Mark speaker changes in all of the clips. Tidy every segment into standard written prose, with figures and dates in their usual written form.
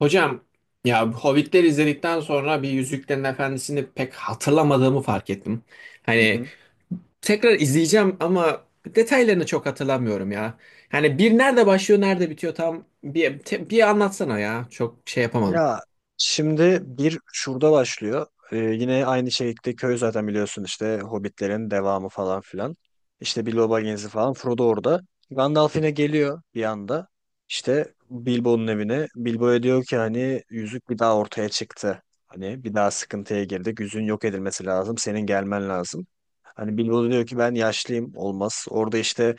Speaker 1: Hocam ya Hobbitleri izledikten sonra bir Yüzüklerin Efendisi'ni pek hatırlamadığımı fark ettim.
Speaker 2: Hı
Speaker 1: Hani
Speaker 2: hı.
Speaker 1: tekrar izleyeceğim ama detaylarını çok hatırlamıyorum ya. Yani bir nerede başlıyor nerede bitiyor tam bir, bir anlatsana ya. Çok şey yapamadım.
Speaker 2: Ya şimdi bir şurada başlıyor. Yine aynı şekilde köy zaten biliyorsun işte Hobbitlerin devamı falan filan. İşte Bilbo Baggins'i falan Frodo orada. Gandalf yine geliyor bir anda. İşte Bilbo'nun evine. Bilbo'ya diyor ki hani yüzük bir daha ortaya çıktı. Hani bir daha sıkıntıya girdik. Yüzüğün yok edilmesi lazım. Senin gelmen lazım. Hani Bilbo da diyor ki ben yaşlıyım olmaz. Orada işte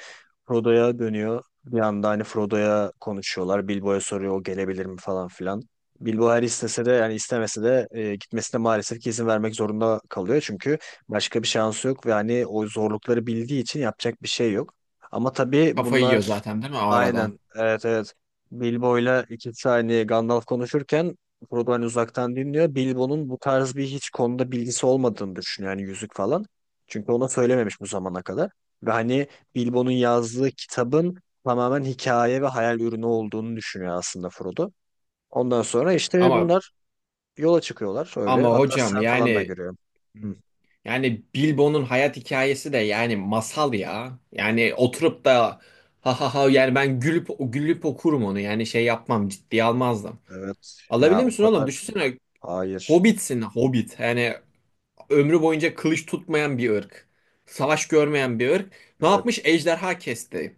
Speaker 2: Frodo'ya dönüyor. Bir anda hani Frodo'ya konuşuyorlar. Bilbo'ya soruyor o gelebilir mi falan filan. Bilbao her istese de yani istemese de gitmesine maalesef ki izin vermek zorunda kalıyor. Çünkü başka bir şansı yok ve hani o zorlukları bildiği için yapacak bir şey yok. Ama tabii
Speaker 1: Kafayı yiyor
Speaker 2: bunlar.
Speaker 1: zaten değil mi o arada?
Speaker 2: Aynen, evet, evet. Bilbo'yla 2 saniye Gandalf konuşurken Frodo hani uzaktan dinliyor. Bilbo'nun bu tarz bir hiç konuda bilgisi olmadığını düşünüyor yani yüzük falan. Çünkü ona söylememiş bu zamana kadar. Ve hani Bilbo'nun yazdığı kitabın tamamen hikaye ve hayal ürünü olduğunu düşünüyor aslında Frodo. Ondan sonra işte
Speaker 1: Ama
Speaker 2: bunlar yola çıkıyorlar öyle.
Speaker 1: ama
Speaker 2: Hatta
Speaker 1: hocam
Speaker 2: sen falan da
Speaker 1: yani.
Speaker 2: görüyorum.
Speaker 1: Hmm.
Speaker 2: Hı.
Speaker 1: Yani Bilbo'nun hayat hikayesi de yani masal ya. Yani oturup da ha ha ha yani ben gülüp gülüp okurum onu. Yani şey yapmam ciddiye almazdım.
Speaker 2: Evet ya,
Speaker 1: Alabilir
Speaker 2: o
Speaker 1: misin oğlum?
Speaker 2: kadar.
Speaker 1: Düşünsene
Speaker 2: Hayır.
Speaker 1: Hobbit'sin Hobbit. Yani ömrü boyunca kılıç tutmayan bir ırk. Savaş görmeyen bir ırk. Ne yapmış?
Speaker 2: Evet.
Speaker 1: Ejderha kesti.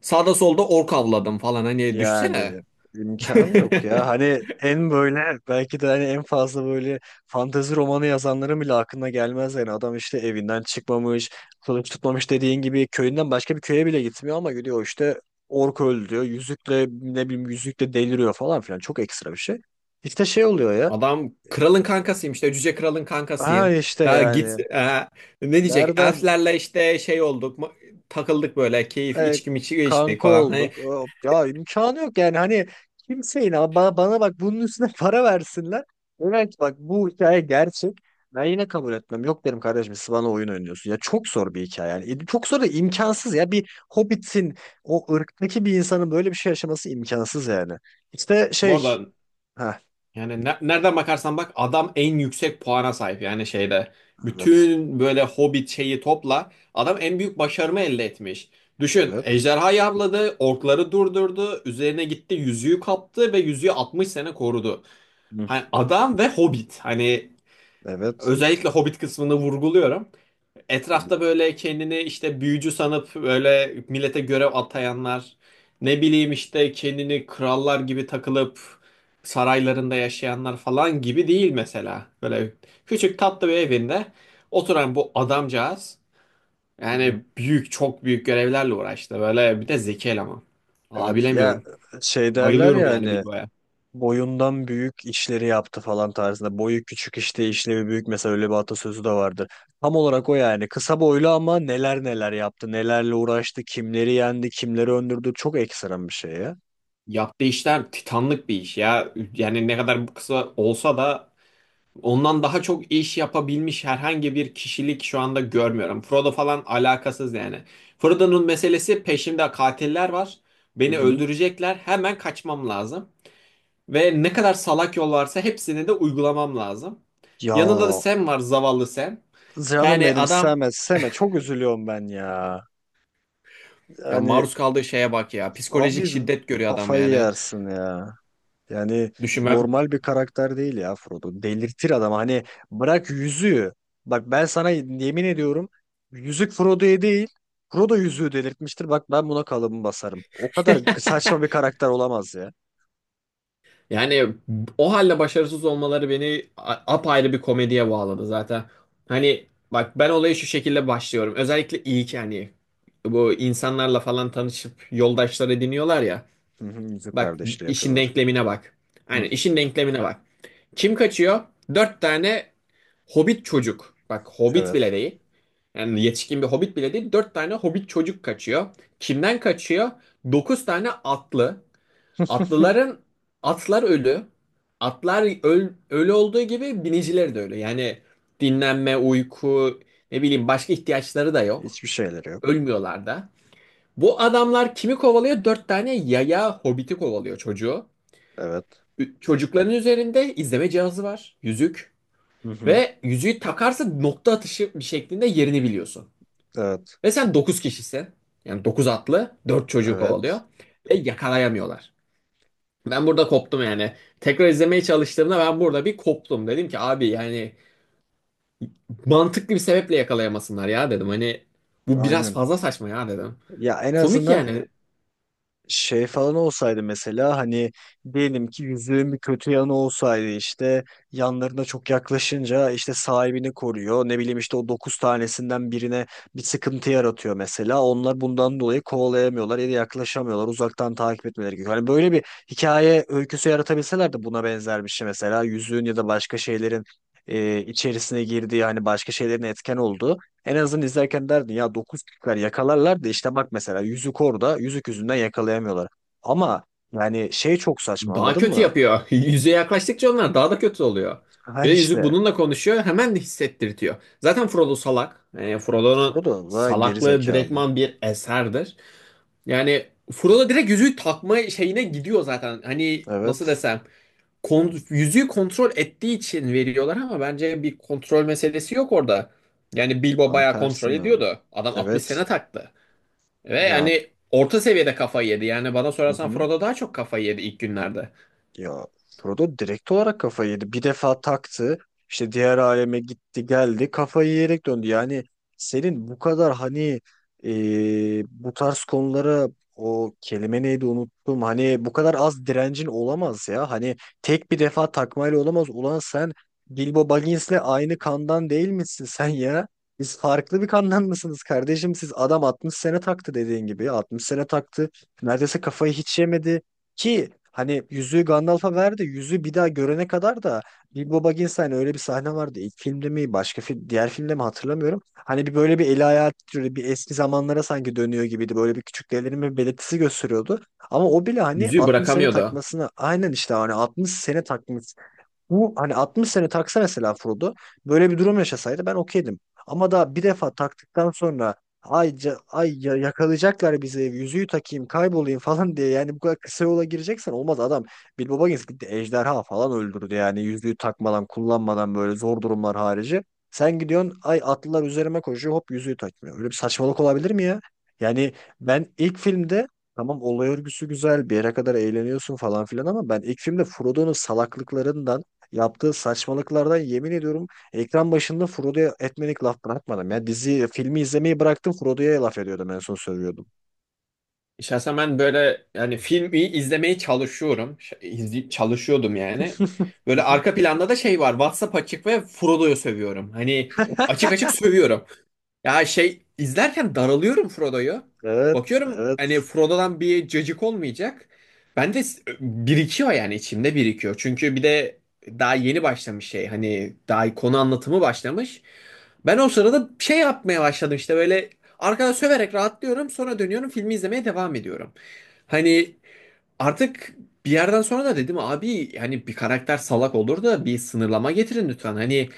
Speaker 1: Sağda solda ork avladım falan. Hani düşünsene.
Speaker 2: Yani imkanı yok ya. Hani en böyle belki de hani en fazla böyle fantezi romanı yazanların bile aklına gelmez yani. Adam işte evinden çıkmamış, kılıç tutmamış dediğin gibi köyünden başka bir köye bile gitmiyor ama gidiyor işte ork öldü diyor. Yüzükle ne bileyim yüzükle deliriyor falan filan. Çok ekstra bir şey. İşte şey oluyor ya.
Speaker 1: Adam kralın kankasıyım işte cüce kralın
Speaker 2: Ha
Speaker 1: kankasıyım.
Speaker 2: işte
Speaker 1: Ha git
Speaker 2: yani.
Speaker 1: ha, ne diyecek?
Speaker 2: Nereden
Speaker 1: Elflerle işte şey olduk takıldık böyle keyif
Speaker 2: e,
Speaker 1: içki miçki içtik
Speaker 2: kanka
Speaker 1: falan. Hani
Speaker 2: olduk. Ya imkanı yok yani hani kimseyin ama bana bak bunun üstüne para versinler. Evet, bak bu hikaye gerçek. Ben yine kabul etmem. Yok derim kardeşim, siz bana oyun oynuyorsun. Ya çok zor bir hikaye yani. Çok zor da imkansız ya. Bir Hobbit'in o ırktaki bir insanın böyle bir şey yaşaması imkansız yani. İşte
Speaker 1: bu
Speaker 2: şey.
Speaker 1: arada
Speaker 2: Ha,
Speaker 1: yani nereden bakarsan bak adam en yüksek puana sahip yani şeyde.
Speaker 2: evet.
Speaker 1: Bütün böyle Hobbit şeyi topla adam en büyük başarımı elde etmiş. Düşün
Speaker 2: Evet.
Speaker 1: ejderhayı avladı, orkları durdurdu, üzerine gitti yüzüğü kaptı ve yüzüğü 60 sene korudu.
Speaker 2: Hı.
Speaker 1: Hani adam ve Hobbit hani
Speaker 2: Evet.
Speaker 1: özellikle Hobbit kısmını vurguluyorum.
Speaker 2: Hı
Speaker 1: Etrafta böyle kendini işte büyücü sanıp böyle millete görev atayanlar, ne bileyim işte kendini krallar gibi takılıp saraylarında yaşayanlar falan gibi değil mesela. Böyle küçük tatlı bir evinde oturan bu adamcağız yani
Speaker 2: hı.
Speaker 1: büyük çok büyük görevlerle uğraştı. Böyle bir de zeki eleman. Valla
Speaker 2: Evet. Ya
Speaker 1: bilemiyorum.
Speaker 2: şey derler
Speaker 1: Bayılıyorum yani
Speaker 2: yani
Speaker 1: Bilbo'ya.
Speaker 2: boyundan büyük işleri yaptı falan tarzında. Boyu küçük işte işlevi büyük, mesela öyle bir atasözü de vardır. Tam olarak o yani. Kısa boylu ama neler neler yaptı. Nelerle uğraştı. Kimleri yendi. Kimleri öndürdü. Çok ekstrem bir şey ya.
Speaker 1: Yaptığı işler titanlık bir iş ya. Yani ne kadar bu kısa olsa da ondan daha çok iş yapabilmiş herhangi bir kişilik şu anda görmüyorum. Frodo falan alakasız yani. Frodo'nun meselesi peşimde katiller var.
Speaker 2: Hı
Speaker 1: Beni
Speaker 2: hı.
Speaker 1: öldürecekler. Hemen kaçmam lazım. Ve ne kadar salak yol varsa hepsini de uygulamam lazım.
Speaker 2: Ya
Speaker 1: Yanında da Sam var, zavallı Sam.
Speaker 2: canım
Speaker 1: Yani
Speaker 2: benim,
Speaker 1: adam,
Speaker 2: Seme Seme çok üzülüyorum ben ya.
Speaker 1: ya
Speaker 2: Yani
Speaker 1: maruz kaldığı şeye bak ya. Psikolojik
Speaker 2: abi
Speaker 1: şiddet görüyor adam
Speaker 2: kafayı
Speaker 1: yani.
Speaker 2: yersin ya. Yani
Speaker 1: Düşünme,
Speaker 2: normal bir karakter değil ya Frodo. Delirtir adam. Hani bırak yüzüğü. Bak ben sana yemin ediyorum yüzük Frodo'ya değil, Frodo yüzüğü delirtmiştir. Bak ben buna kalıbımı basarım. O kadar saçma bir karakter olamaz ya.
Speaker 1: yani o halde başarısız olmaları beni apayrı bir komediye bağladı zaten. Hani bak ben olaya şu şekilde başlıyorum. Özellikle ilk hani bu insanlarla falan tanışıp yoldaşlar ediniyorlar ya.
Speaker 2: Hı hı. Yüzük
Speaker 1: Bak,
Speaker 2: kardeşliği
Speaker 1: işin
Speaker 2: yapıyorlar.
Speaker 1: denklemine bak.
Speaker 2: Hı,
Speaker 1: Hani işin denklemine bak. Kim kaçıyor? Dört tane hobbit çocuk. Bak, hobbit bile
Speaker 2: evet.
Speaker 1: değil. Yani yetişkin bir hobbit bile değil. Dört tane hobbit çocuk kaçıyor. Kimden kaçıyor? Dokuz tane atlı. Atlıların atlar ölü. Atlar ölü olduğu gibi biniciler de ölü. Yani dinlenme, uyku, ne bileyim başka ihtiyaçları da yok.
Speaker 2: Hiçbir şeyleri yok.
Speaker 1: Ölmüyorlar da. Bu adamlar kimi kovalıyor? Dört tane yaya hobiti kovalıyor, çocuğu.
Speaker 2: Evet.
Speaker 1: Çocukların üzerinde izleme cihazı var. Yüzük.
Speaker 2: Hı hı.
Speaker 1: Ve yüzüğü takarsa nokta atışı bir şeklinde yerini biliyorsun.
Speaker 2: Evet.
Speaker 1: Ve sen dokuz kişisin. Yani dokuz atlı, dört çocuğu kovalıyor.
Speaker 2: Evet.
Speaker 1: Ve yakalayamıyorlar. Ben burada koptum yani. Tekrar izlemeye çalıştığımda ben burada bir koptum. Dedim ki abi yani mantıklı bir sebeple yakalayamasınlar ya dedim. Hani bu biraz
Speaker 2: Aynen.
Speaker 1: fazla saçma ya dedim.
Speaker 2: Ya en
Speaker 1: Komik
Speaker 2: azından
Speaker 1: yani.
Speaker 2: şey falan olsaydı mesela hani diyelim ki yüzüğün bir kötü yanı olsaydı işte yanlarına çok yaklaşınca işte sahibini koruyor. Ne bileyim işte o dokuz tanesinden birine bir sıkıntı yaratıyor mesela. Onlar bundan dolayı kovalayamıyorlar ya da yaklaşamıyorlar. Uzaktan takip etmeleri gerekiyor. Hani böyle bir hikaye öyküsü yaratabilseler de buna benzer bir şey mesela yüzüğün ya da başka şeylerin içerisine girdiği hani başka şeylerin etken olduğu en azından izlerken derdin ya 9 kişiler yakalarlar da işte bak mesela yüzük orada yüzük yüzünden yakalayamıyorlar. Ama yani şey çok saçma,
Speaker 1: Daha
Speaker 2: anladın
Speaker 1: kötü
Speaker 2: mı?
Speaker 1: yapıyor. Yüzeye yaklaştıkça onlar daha da kötü oluyor.
Speaker 2: Ha
Speaker 1: Bir de yüzük
Speaker 2: işte.
Speaker 1: bununla konuşuyor. Hemen de hissettirtiyor. Zaten Frodo salak. Yani Frodo'nun
Speaker 2: Frodo da geri
Speaker 1: salaklığı
Speaker 2: zekalı.
Speaker 1: direktman bir eserdir. Yani Frodo direkt yüzüğü takma şeyine gidiyor zaten. Hani nasıl
Speaker 2: Evet,
Speaker 1: desem, yüzüğü kontrol ettiği için veriyorlar ama bence bir kontrol meselesi yok orada. Yani Bilbo
Speaker 2: tam
Speaker 1: bayağı kontrol
Speaker 2: tersine.
Speaker 1: ediyordu. Adam 60
Speaker 2: Evet
Speaker 1: sene taktı. Ve
Speaker 2: ya.
Speaker 1: yani orta seviyede kafayı yedi. Yani bana
Speaker 2: Hı
Speaker 1: sorarsan
Speaker 2: hı.
Speaker 1: Frodo daha çok kafayı yedi ilk günlerde.
Speaker 2: Ya Frodo direkt olarak kafayı yedi. Bir defa taktı. İşte diğer aleme gitti geldi. Kafayı yiyerek döndü. Yani senin bu kadar hani, e, bu tarz konulara, o kelime neydi unuttum. Hani bu kadar az direncin olamaz ya. Hani tek bir defa takmayla olamaz. Ulan sen Bilbo Baggins'le aynı kandan değil misin sen ya? Biz farklı bir kandan mısınız kardeşim? Siz adam 60 sene taktı dediğin gibi. 60 sene taktı. Neredeyse kafayı hiç yemedi. Ki hani yüzüğü Gandalf'a verdi. Yüzüğü bir daha görene kadar da Bilbo Baggins hani öyle bir sahne vardı. İlk filmde mi başka film, diğer filmde mi hatırlamıyorum. Hani bir böyle bir eli ayağı titriyordu. Bir eski zamanlara sanki dönüyor gibiydi. Böyle bir küçük bir belirtisi gösteriyordu. Ama o bile hani
Speaker 1: Yüzüğü
Speaker 2: 60 sene
Speaker 1: bırakamıyordu.
Speaker 2: takmasına aynen işte hani 60 sene takmış, bu hani 60 sene taksa mesela Frodo böyle bir durum yaşasaydı ben okeydim. Ama da bir defa taktıktan sonra ay, yakalayacaklar bizi yüzüğü takayım kaybolayım falan diye yani bu kadar kısa yola gireceksen olmaz adam. Bilbo Baggins gitti ejderha falan öldürdü yani yüzüğü takmadan kullanmadan böyle zor durumlar harici. Sen gidiyorsun ay atlılar üzerime koşuyor hop yüzüğü takmıyor. Öyle bir saçmalık olabilir mi ya? Yani ben ilk filmde, tamam olay örgüsü güzel bir yere kadar eğleniyorsun falan filan, ama ben ilk filmde Frodo'nun salaklıklarından, yaptığı saçmalıklardan, yemin ediyorum ekran başında Frodo'ya etmelik laf bırakmadım. Ya dizi filmi izlemeyi bıraktım, Frodo'ya laf ediyordum en son söylüyordum.
Speaker 1: Şahsen ben böyle yani filmi izlemeye çalışıyorum. Çalışıyordum yani.
Speaker 2: Hı
Speaker 1: Böyle
Speaker 2: hı.
Speaker 1: arka planda da şey var. WhatsApp açık ve Frodo'yu sövüyorum. Hani açık açık sövüyorum. Ya şey izlerken daralıyorum Frodo'yu.
Speaker 2: Evet,
Speaker 1: Bakıyorum
Speaker 2: evet.
Speaker 1: hani Frodo'dan bir cacık olmayacak. Ben de birikiyor yani içimde birikiyor. Çünkü bir de daha yeni başlamış şey. Hani daha konu anlatımı başlamış. Ben o sırada şey yapmaya başladım işte, böyle arkada söverek rahatlıyorum. Sonra dönüyorum, filmi izlemeye devam ediyorum. Hani artık bir yerden sonra da dedim abi hani bir karakter salak olur da bir sınırlama getirin lütfen. Hani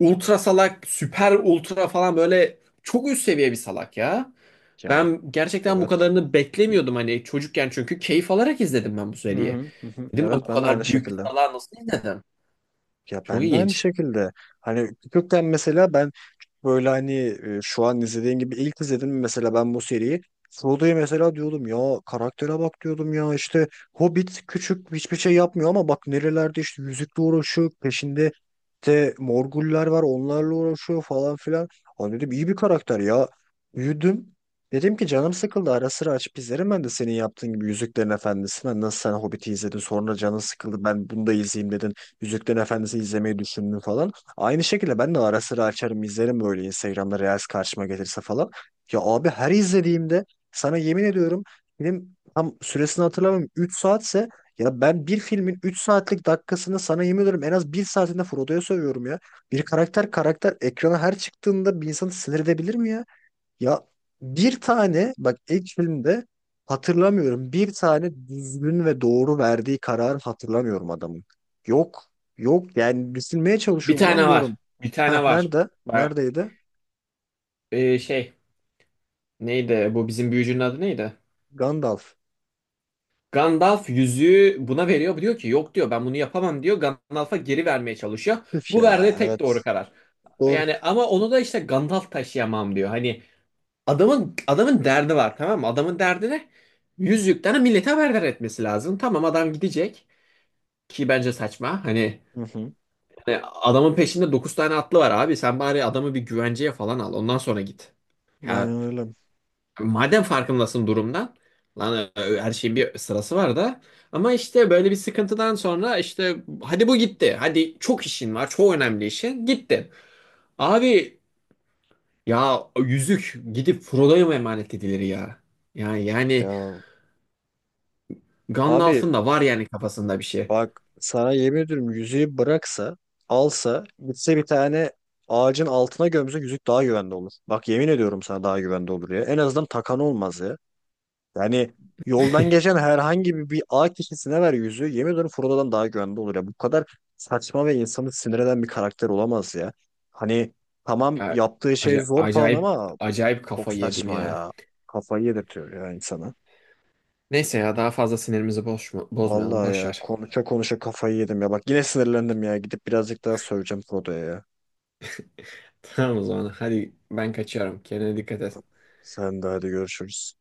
Speaker 1: ultra salak, süper ultra falan böyle çok üst seviye bir salak ya.
Speaker 2: Ya,
Speaker 1: Ben gerçekten bu
Speaker 2: evet.
Speaker 1: kadarını beklemiyordum hani çocukken, çünkü keyif alarak izledim ben bu
Speaker 2: Hı
Speaker 1: seriyi.
Speaker 2: hı, hı hı.
Speaker 1: Dedim ben
Speaker 2: Evet,
Speaker 1: bu
Speaker 2: ben de aynı
Speaker 1: kadar büyük bir
Speaker 2: şekilde.
Speaker 1: salağı nasıl izledim?
Speaker 2: Ya
Speaker 1: Çok
Speaker 2: ben de aynı
Speaker 1: ilginç.
Speaker 2: şekilde. Hani küçükken mesela ben böyle hani, şu an izlediğin gibi ilk izledim mesela ben bu seriyi. Frodo'ya mesela diyordum ya, karaktere bak diyordum ya işte Hobbit küçük hiçbir şey yapmıyor ama bak nerelerde işte yüzükle uğraşıyor, peşinde de Morgullar var onlarla uğraşıyor falan filan. Hani dedim iyi bir karakter ya. Büyüdüm. Dedim ki canım sıkıldı ara sıra açıp izlerim ben de senin yaptığın gibi Yüzüklerin Efendisi'ni. Hani nasıl sen Hobbit'i izledin sonra canın sıkıldı ben bunu da izleyeyim dedin. Yüzüklerin Efendisi izlemeyi düşündün falan. Aynı şekilde ben de ara sıra açarım izlerim böyle Instagram'da Reels karşıma gelirse falan. Ya abi her izlediğimde sana yemin ediyorum, film tam süresini hatırlamıyorum, 3 saatse ya ben bir filmin 3 saatlik dakikasını sana yemin ediyorum en az bir saatinde Frodo'ya sövüyorum ya. Bir karakter karakter ekrana her çıktığında bir insanı sinir edebilir mi ya? Ya bir tane bak ilk filmde hatırlamıyorum. Bir tane düzgün ve doğru verdiği kararı hatırlamıyorum adamın. Yok. Yok yani düşünmeye
Speaker 1: Bir
Speaker 2: çalışıyor ulan
Speaker 1: tane var.
Speaker 2: diyorum.
Speaker 1: Bir
Speaker 2: Ha,
Speaker 1: tane var.
Speaker 2: nerede?
Speaker 1: Bak,
Speaker 2: Neredeydi?
Speaker 1: şey neydi, bu bizim büyücünün adı neydi?
Speaker 2: Gandalf.
Speaker 1: Gandalf yüzüğü buna veriyor. Diyor ki yok diyor, ben bunu yapamam diyor. Gandalf'a geri vermeye çalışıyor.
Speaker 2: Üf
Speaker 1: Bu
Speaker 2: ya,
Speaker 1: verdiği tek doğru
Speaker 2: evet.
Speaker 1: karar.
Speaker 2: Doğru.
Speaker 1: Yani ama onu da işte Gandalf taşıyamam diyor. Hani adamın derdi var, tamam mı? Adamın derdi ne? Yüzükten millete haberdar etmesi lazım. Tamam adam gidecek ki bence saçma. Hani,
Speaker 2: Hı hı.
Speaker 1: hani adamın peşinde 9 tane atlı var abi. Sen bari adamı bir güvenceye falan al. Ondan sonra git. Ya
Speaker 2: Aynen öyle.
Speaker 1: madem farkındasın durumdan. Lan her şeyin bir sırası var da. Ama işte böyle bir sıkıntıdan sonra işte hadi bu gitti. Hadi çok işin var. Çok önemli işin. Gitti. Abi ya yüzük gidip Frodo'ya mı emanet edilir ya? Yani
Speaker 2: Ya. Abi
Speaker 1: Gandalf'ın da var yani kafasında bir şey.
Speaker 2: bak sana yemin ediyorum yüzüğü bıraksa alsa gitse bir tane ağacın altına gömse yüzük daha güvende olur. Bak yemin ediyorum sana, daha güvende olur ya. En azından takan olmaz ya. Yani yoldan geçen herhangi bir, A kişisine ver yüzü. Yemin ediyorum Frodo'dan daha güvende olur ya. Bu kadar saçma ve insanı sinir eden bir karakter olamaz ya. Hani tamam
Speaker 1: Ya,
Speaker 2: yaptığı şey zor falan
Speaker 1: acayip
Speaker 2: ama
Speaker 1: acayip
Speaker 2: çok
Speaker 1: kafayı yedim
Speaker 2: saçma
Speaker 1: ya.
Speaker 2: ya. Kafayı yedirtiyor ya insana.
Speaker 1: Neyse ya daha fazla sinirimizi bozmayalım.
Speaker 2: Vallahi
Speaker 1: Boş
Speaker 2: ya
Speaker 1: ver.
Speaker 2: konuşa konuşa kafayı yedim ya. Bak yine sinirlendim ya. Gidip birazcık daha söyleyeceğim Frodo'ya ya.
Speaker 1: Tamam o zaman. Hadi ben kaçıyorum. Kendine dikkat et.
Speaker 2: Sen de hadi görüşürüz.